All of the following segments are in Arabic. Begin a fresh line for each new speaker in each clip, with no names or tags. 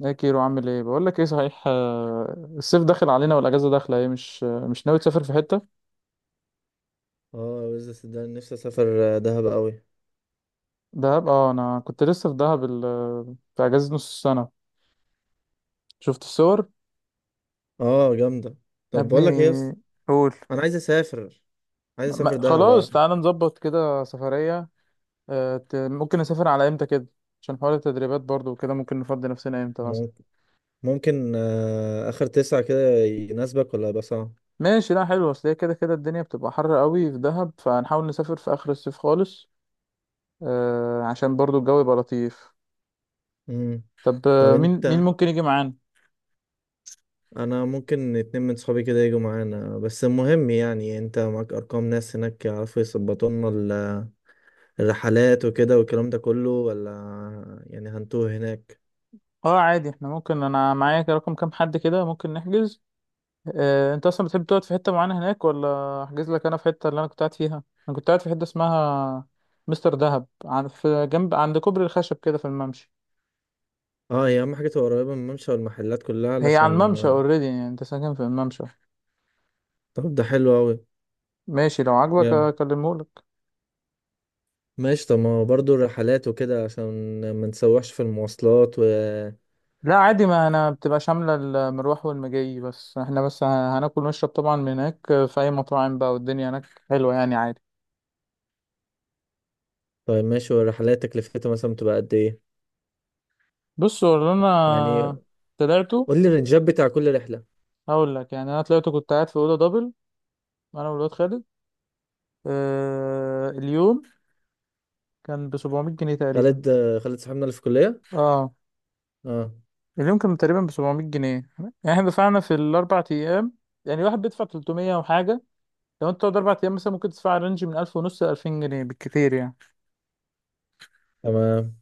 ايه كيرو، عامل ايه؟ بقول لك ايه، صحيح، الصيف داخل علينا والاجازه داخله، ايه مش ناوي تسافر في حته؟
اه، بس صدقني نفسي اسافر دهب قوي.
دهب، اه. انا كنت لسه في دهب، في اجازه نص السنه. شفت الصور.
اه، جامده.
يا
طب، بقول لك ايه يا اسطى؟
ابني، قول.
انا عايز اسافر. عايز اسافر
ما
دهب.
خلاص، تعالى نظبط كده سفريه. ممكن نسافر على امتى كده؟ عشان حوار التدريبات برضو وكده، ممكن نفضي نفسنا امتى مثلا؟
ممكن ممكن، اخر تسعة كده، يناسبك ولا يبقى صعب؟
ماشي، لا حلو. اصل هي كده كده الدنيا بتبقى حر قوي في دهب، فهنحاول نسافر في اخر الصيف خالص. عشان برضو الجو يبقى لطيف.
امم.
طب،
طب
مين
انت.
ممكن يجي معانا؟
انا ممكن اتنين من صحابي كده يجوا معانا، بس المهم يعني انت معاك ارقام ناس هناك يعرفوا يظبطوا لنا الرحلات وكده والكلام ده كله، ولا يعني هنتوه هناك؟
اه عادي، احنا ممكن، انا معايا كده رقم كام حد، كده ممكن نحجز. اه، انت اصلا بتحب تقعد في حته معينه هناك، ولا احجز لك انا في حته اللي انا كنت قاعد فيها؟ انا كنت قاعد في حته اسمها مستر دهب، عن في جنب عند كوبري الخشب كده في الممشى.
اه، هي اهم حاجه تبقى قريبه من الممشى والمحلات كلها
هي على الممشى
علشان...
اوريدي، يعني انت ساكن في الممشى.
طب، ده حلو قوي.
ماشي، لو عاجبك اكلمهولك.
ماشي. طب، ما هو برضه الرحلات وكده عشان ما نتسوحش في المواصلات و...
لا عادي، ما انا بتبقى شامله المروح والمجي، بس احنا بس هناكل ونشرب طبعا من هناك في اي مطاعم بقى، والدنيا هناك حلوه يعني عادي.
طيب، ماشي. والرحلات تكلفتها مثلا بتبقى قد ايه؟
بص، هو اللي
يعني،
انا طلعته.
قول لي الرنجات بتاع كل رحلة.
هقول لك، يعني انا طلعت كنت قاعد في اوضه دبل، انا والواد خالد. اليوم كان ب 700 جنيه تقريبا.
خالد خالد صاحبنا اللي في الكلية؟
اه
اه.
اليوم كان تقريبا ب 700 جنيه يعني، احنا دفعنا في الـ 4 ايام، يعني واحد بيدفع 300 وحاجه. لو انت تقعد 4 ايام مثلا، ممكن تدفع رينج من 1000 ونص ل 2000 جنيه بالكتير يعني.
تمام.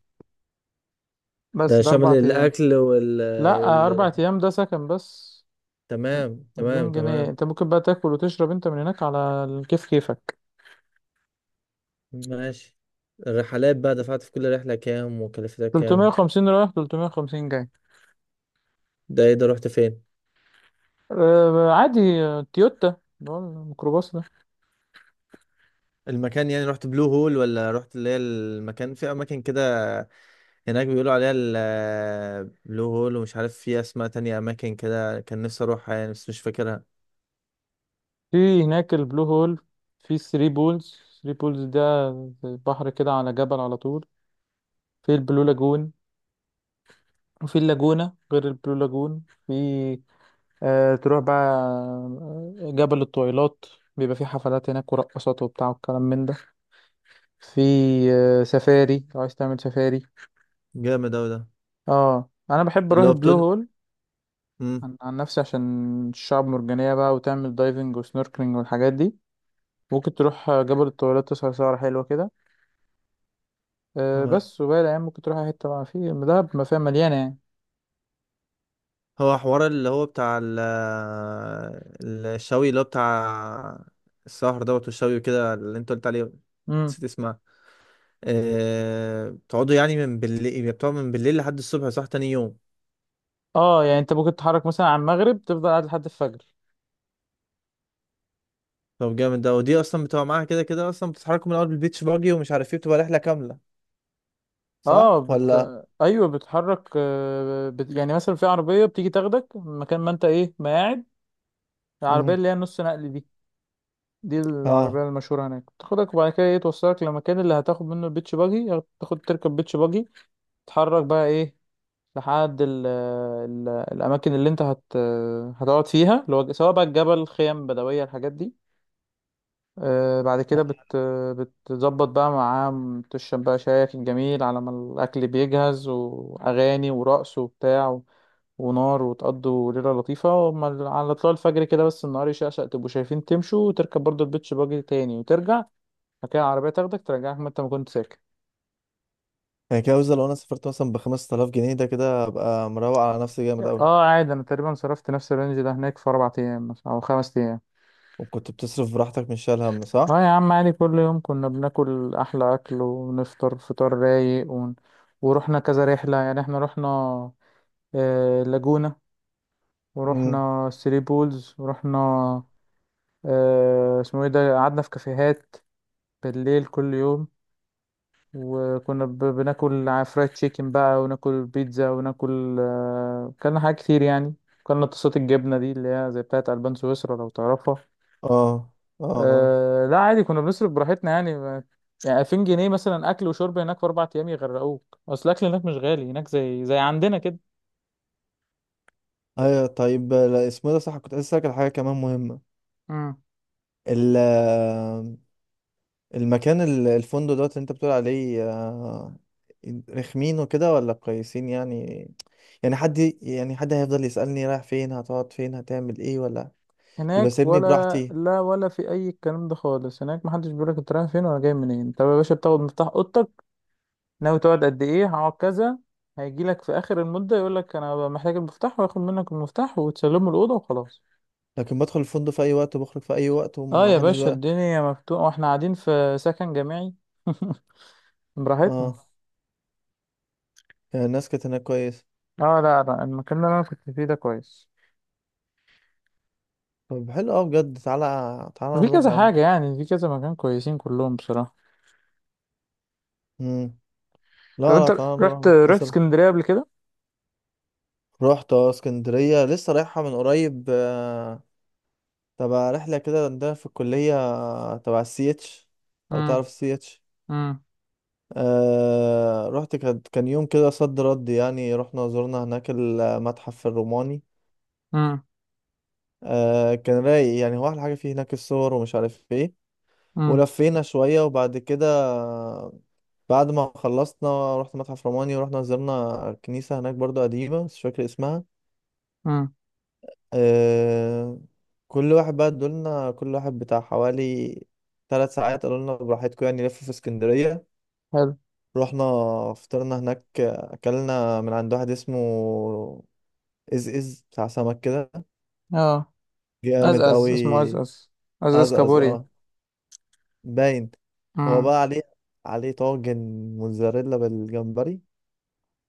بس
ده
ده
شامل
4 ايام.
الأكل وال
لا،
وال
4 ايام ده سكن بس.
تمام، تمام،
2000 جنيه
تمام.
انت ممكن بقى تاكل وتشرب انت من هناك على كيف كيفك.
ماشي. الرحلات بقى دفعت في كل رحلة كام وكلفتها كام؟
350 رايح، 350 جاي.
ده ايه ده؟ رحت فين؟
عادي، تويوتا، اللي هو الميكروباص ده.
المكان، يعني رحت بلو هول ولا رحت اللي هي المكان في أماكن كده هناك بيقولوا عليها البلو هول؟ ومش عارف في اسماء تانية اماكن كده، كان نفسي اروحها يعني بس مش فاكرها.
في هناك البلو هول، في ثري بولز. ثري بولز ده زي بحر كده على جبل على طول. في البلو لاجون. وفي اللاجونة غير البلو لاجون، في تروح بقى جبل الطويلات، بيبقى فيه حفلات هناك ورقصات وبتاع والكلام من ده. في سفاري، لو عايز تعمل سفاري.
جامد اوي ده.
اه، انا بحب اروح
اللي هو
البلو
بتون.
هول،
مم.
عن نفسي، عشان الشعب مرجانية بقى وتعمل دايفنج وسنوركلينج والحاجات دي. ممكن تروح جبل الطويلات تسهر سهرة حلوة كده. أه
هو
بس، وباقي الأيام ممكن تروح أي حتة بقى في دهب، ما فيها مليانة يعني.
هو حوار اللي هو بتاع ال- الشوي اللي هو بتاع السهر دوت والشوي وكده اللي انت قلت عليه.
امم.
نسيت اسمها. بتقعدوا يعني من بالليل، يعني بتقعدوا من بالليل لحد الصبح، صح؟ تاني يوم.
اه يعني انت ممكن تتحرك مثلا على المغرب تفضل قاعد لحد الفجر.
طب، جامد ده. ودي اصلا بتبقى معاها كده كده، اصلا بتتحركوا من الاول بالبيتش باجي ومش عارف ايه، بتبقى رحلة كاملة. صح
اه بت...
ولا؟
ايوه بتتحرك، يعني مثلا في عربية بتيجي تاخدك من مكان ما انت ايه ما قاعد. العربية
امم.
اللي هي النص نقل دي، دي العربية
اه.
المشهورة هناك، تاخدك وبعد كده ايه توصلك للمكان اللي هتاخد منه البيتش باجي، تاخد تركب بيتش باجي، تتحرك بقى ايه لحد ال ال الأماكن اللي أنت هتقعد فيها، اللي هو سواء بقى الجبل، خيم بدوية، الحاجات دي. آه، بعد كده بت بتظبط بقى معاه، تشرب بقى شايك الجميل على ما الأكل بيجهز، وأغاني ورقص وبتاع ونار، وتقضوا ليلة لطيفة على طلوع الفجر كده، بس النهار يشقشق تبقوا شايفين تمشوا، وتركب برضو البيتش باجي تاني وترجع. بعد كده العربية تاخدك ترجعك ما أنت ما كنت ساكن.
يعني كده مثلا لو انا سافرت مثلا ب 5000 جنيه، ده كده ابقى مروق على نفسي جامد قوي.
اه عادي، أنا تقريبا صرفت نفس الرينج ده هناك في 4 أيام مثلاً أو 5 أيام.
وكنت بتصرف براحتك مش شايل هم، صح؟
اه يا عم عادي، كل يوم كنا بناكل احلى اكل، ونفطر فطار رايق ورحنا كذا رحلة، يعني احنا رحنا لاجونا،
امم.
ورحنا ثري بولز، ورحنا اسمه ايه ده، قعدنا في كافيهات بالليل كل يوم. وكنا بناكل فرايد تشيكن بقى، وناكل بيتزا، وناكل كلنا حاجات كتير يعني. كلنا طاسات الجبنة دي، اللي هي زي بتاعت ألبان سويسرا لو تعرفها.
اه، اه، اه.
لا عادي، كنا بنصرف براحتنا يعني. ما يعني 2000 جنيه مثلا اكل وشرب هناك في 4 ايام يغرقوك، اصل الاكل هناك مش غالي، هناك زي عندنا كده.
ايوه. طيب، لا، اسمه إيه ده؟ صح، كنت عايز اسالك على حاجه كمان مهمه.
امم.
ال المكان الفندق دوت اللي انت بتقول عليه رخمين وكده ولا كويسين يعني؟ يعني حد، يعني حد هيفضل يسالني رايح فين، هتقعد فين، هتعمل ايه، ولا؟ يبقى
هناك
سيبني
ولا
براحتي.
لا، ولا في اي الكلام ده خالص، هناك محدش بيقولك انت رايح فين ولا جاي منين، انت يا باشا بتاخد مفتاح اوضتك، ناوي تقعد قد ايه، هقعد كذا. هيجيلك في اخر المده يقولك انا محتاج المفتاح، وياخد منك المفتاح وتسلمه الاوضه وخلاص.
لكن بدخل الفندق في اي وقت وبخرج في اي وقت،
اه
وما
يا
حدش
باشا،
بقى.
الدنيا مفتوحه، واحنا قاعدين في سكن جامعي براحتنا.
اه. يعني الناس كانت هناك كويسة؟
اه لا لا، المكان اللي انا كنت فيه ده كويس.
طب، حلو أوي بجد. تعالى تعالى
في
نروح
كذا
يا عم.
حاجة، يعني في كذا مكان كويسين كلهم بصراحة.
مم. لا،
طب انت،
لا، تعالى
رحت
نروح
رحت
مثلا.
اسكندرية قبل كده؟
رحت اسكندرية لسه رايحة من قريب، آه، تبع رحلة كده عندنا في الكلية، تبع السي اتش. لو
امم.
تعرف السي اتش.
امم.
أه، رحت. كان يوم كده صد رد، يعني رحنا زرنا هناك المتحف الروماني.
امم.
أه، كان رايق، يعني هو أحلى حاجة فيه هناك الصور، ومش عارف ايه.
امم.
ولفينا شوية، وبعد كده بعد ما خلصنا رحت متحف روماني، ورحنا زرنا كنيسة هناك برضو قديمة بس مش فاكر اسمها.
امم.
أه. كل واحد بقى ادولنا كل واحد بتاع حوالي 3 ساعات، قالوا لنا براحتكم يعني لف في اسكندرية.
حلو.
رحنا، فطرنا هناك، أكلنا من عند واحد اسمه إز إز بتاع سمك كده.
اه.
جامد
أزأز،
قوي.
اسمه أزأز، أزأز
أزأز،
كابوريا.
اه. باين. هو
امم.
بقى عليه طاجن موتزاريلا بالجمبري،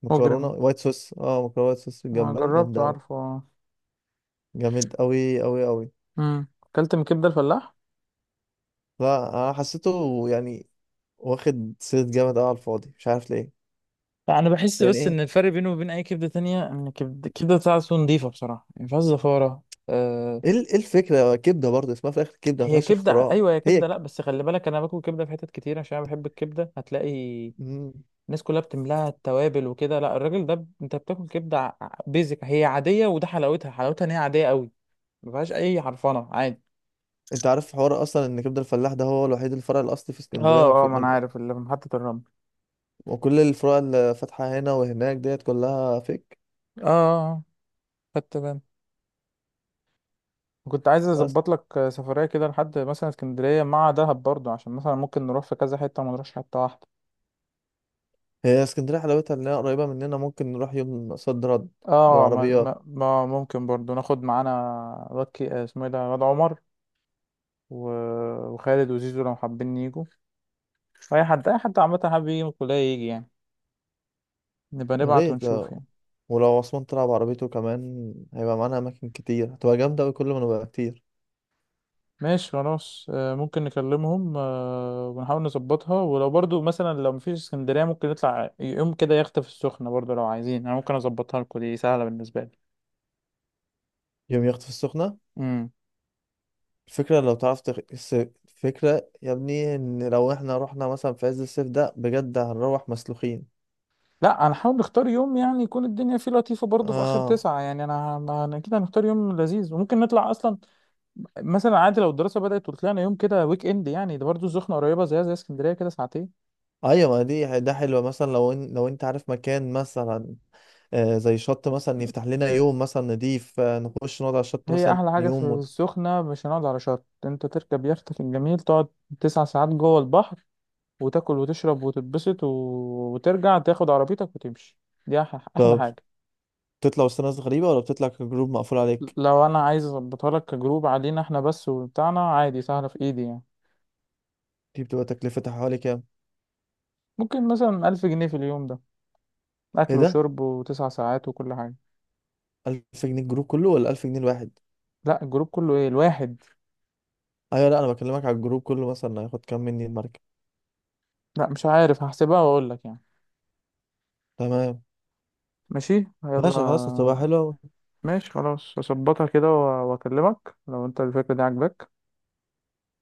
مجرم،
مكرونة وايت صوص
ما
بالجمبري
جربته،
جامدة أوي.
عارفه، اه.
جامد أوي أوي أوي.
امم. أكلت من كبدة الفلاح؟
لا، أنا حسيته يعني واخد سيرة جامد أوي على الفاضي، مش عارف ليه.
انا بحس
يعني
بس
إيه؟
ان الفرق بينه وبين اي كبده تانية، ان الكبده بتاعته نضيفه بصراحه، ما فيهاش زفاره. أه،
إيه الفكرة، كبدة برضه اسمها في الآخر كبدة، ما
هي
فيهاش
كبده،
اختراع.
ايوه هي
هي
كبده، لا
ك...
بس خلي بالك انا باكل كبده في حتت كتير عشان انا بحب الكبده. هتلاقي
مم.
الناس كلها بتملاها التوابل وكده، لا الراجل ده انت بتاكل كبده بيزك، هي عاديه، وده حلاوتها، حلاوتها ان هي عاديه قوي، ما فيهاش اي حرفنه عادي.
أنت عارف حوار أصلا إن كبدة الفلاح ده هو الوحيد الفرع الأصلي في اسكندرية، ما
اه اه،
في...
ما انا
ما-.
عارف اللي في محطه الرمل.
وكل الفروع اللي فاتحة هنا وهناك ديت كلها فيك.
اه، خدت بالي. كنت عايز
بس،
اظبط لك سفريه كده لحد مثلا اسكندريه مع دهب برضو، عشان مثلا ممكن نروح في كذا حته وما نروحش حته واحده.
هي اسكندرية حلاوتها إنها قريبة مننا، ممكن نروح يوم صد رد
اه ما...
بالعربيات.
ما... ما ممكن برضو ناخد معانا واد كي- آه، اسمه ايه ده واد عمر، و... وخالد وزيزو لو حابين يجوا. اي حد، اي حد عامه حابب يجي من الكليه يجي يعني، نبقى
يا
نبعت
ريت
ونشوف
آه.
يعني.
ولو عثمان طلع بعربيته كمان هيبقى معانا أماكن كتير، هتبقى جامدة أوي كل ما نبقى كتير.
ماشي خلاص، ممكن نكلمهم ونحاول نظبطها. ولو برضو مثلا لو مفيش اسكندرية، ممكن نطلع يوم كده يخت في السخنة برضو لو عايزين، انا ممكن اظبطها لكم، دي سهلة بالنسبة لي.
يوم يخطف السخنة؟
امم.
الفكرة، لو تعرف تخ... الس-. الفكرة يا ابني إن لو إحنا رحنا مثلا في عز الصيف ده بجد، هنروح مسلوخين.
لا، هنحاول نختار يوم يعني يكون الدنيا فيه لطيفة برضو في آخر
آه.
تسعة، يعني أنا كده هنختار يوم لذيذ، وممكن نطلع أصلا مثلا عادي لو الدراسة بدأت وطلعنا يوم كده ويك إند يعني، ده برضو السخنة قريبة زي اسكندرية كده ساعتين.
أيوة، ما دي ده حلوة. مثلا لو إن... لو أنت عارف مكان مثلا زي شط مثلا يفتح لنا يوم، مثلا نضيف نخش نقعد على الشط
هي
مثلا
أحلى حاجة في
يوم و...
السخنة مش هنقعد على شط، أنت تركب يختك الجميل تقعد 9 ساعات جوه البحر، وتاكل وتشرب وتتبسط وترجع تاخد عربيتك وتمشي. دي احلى
طب،
حاجة.
بتطلع وسط ناس غريبة ولا بتطلع كجروب مقفول عليك؟
لو انا عايز اظبطها لك كجروب علينا احنا بس وبتاعنا عادي، سهلة في ايدي يعني.
دي بتبقى تكلفتها حوالي كام؟
ممكن مثلا 1000 جنيه في اليوم ده،
إيه
اكل
ده؟
وشرب وتسع ساعات وكل حاجة.
1000 جنيه الجروب كله ولا 1000 جنيه الواحد؟
لا الجروب كله، ايه الواحد.
ايوه، لا، انا بكلمك على الجروب كله، مثلا هياخد كام مني المركب؟
لا مش عارف، هحسبها واقول لك يعني.
تمام.
ماشي. يلا.
ماشي، خلاص، هتبقى حلوة أوي.
ماشي خلاص اظبطها كده واكلمك لو انت الفكرة دي عاجباك.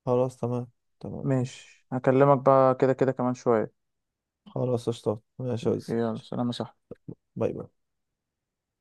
خلاص، تمام. تمام، ماشي.
ماشي هكلمك بقى كده كده كمان شوية.
خلاص، اشطب، ماشي يا وزي.
يلا، سلام يا صاحبي.
باي باي.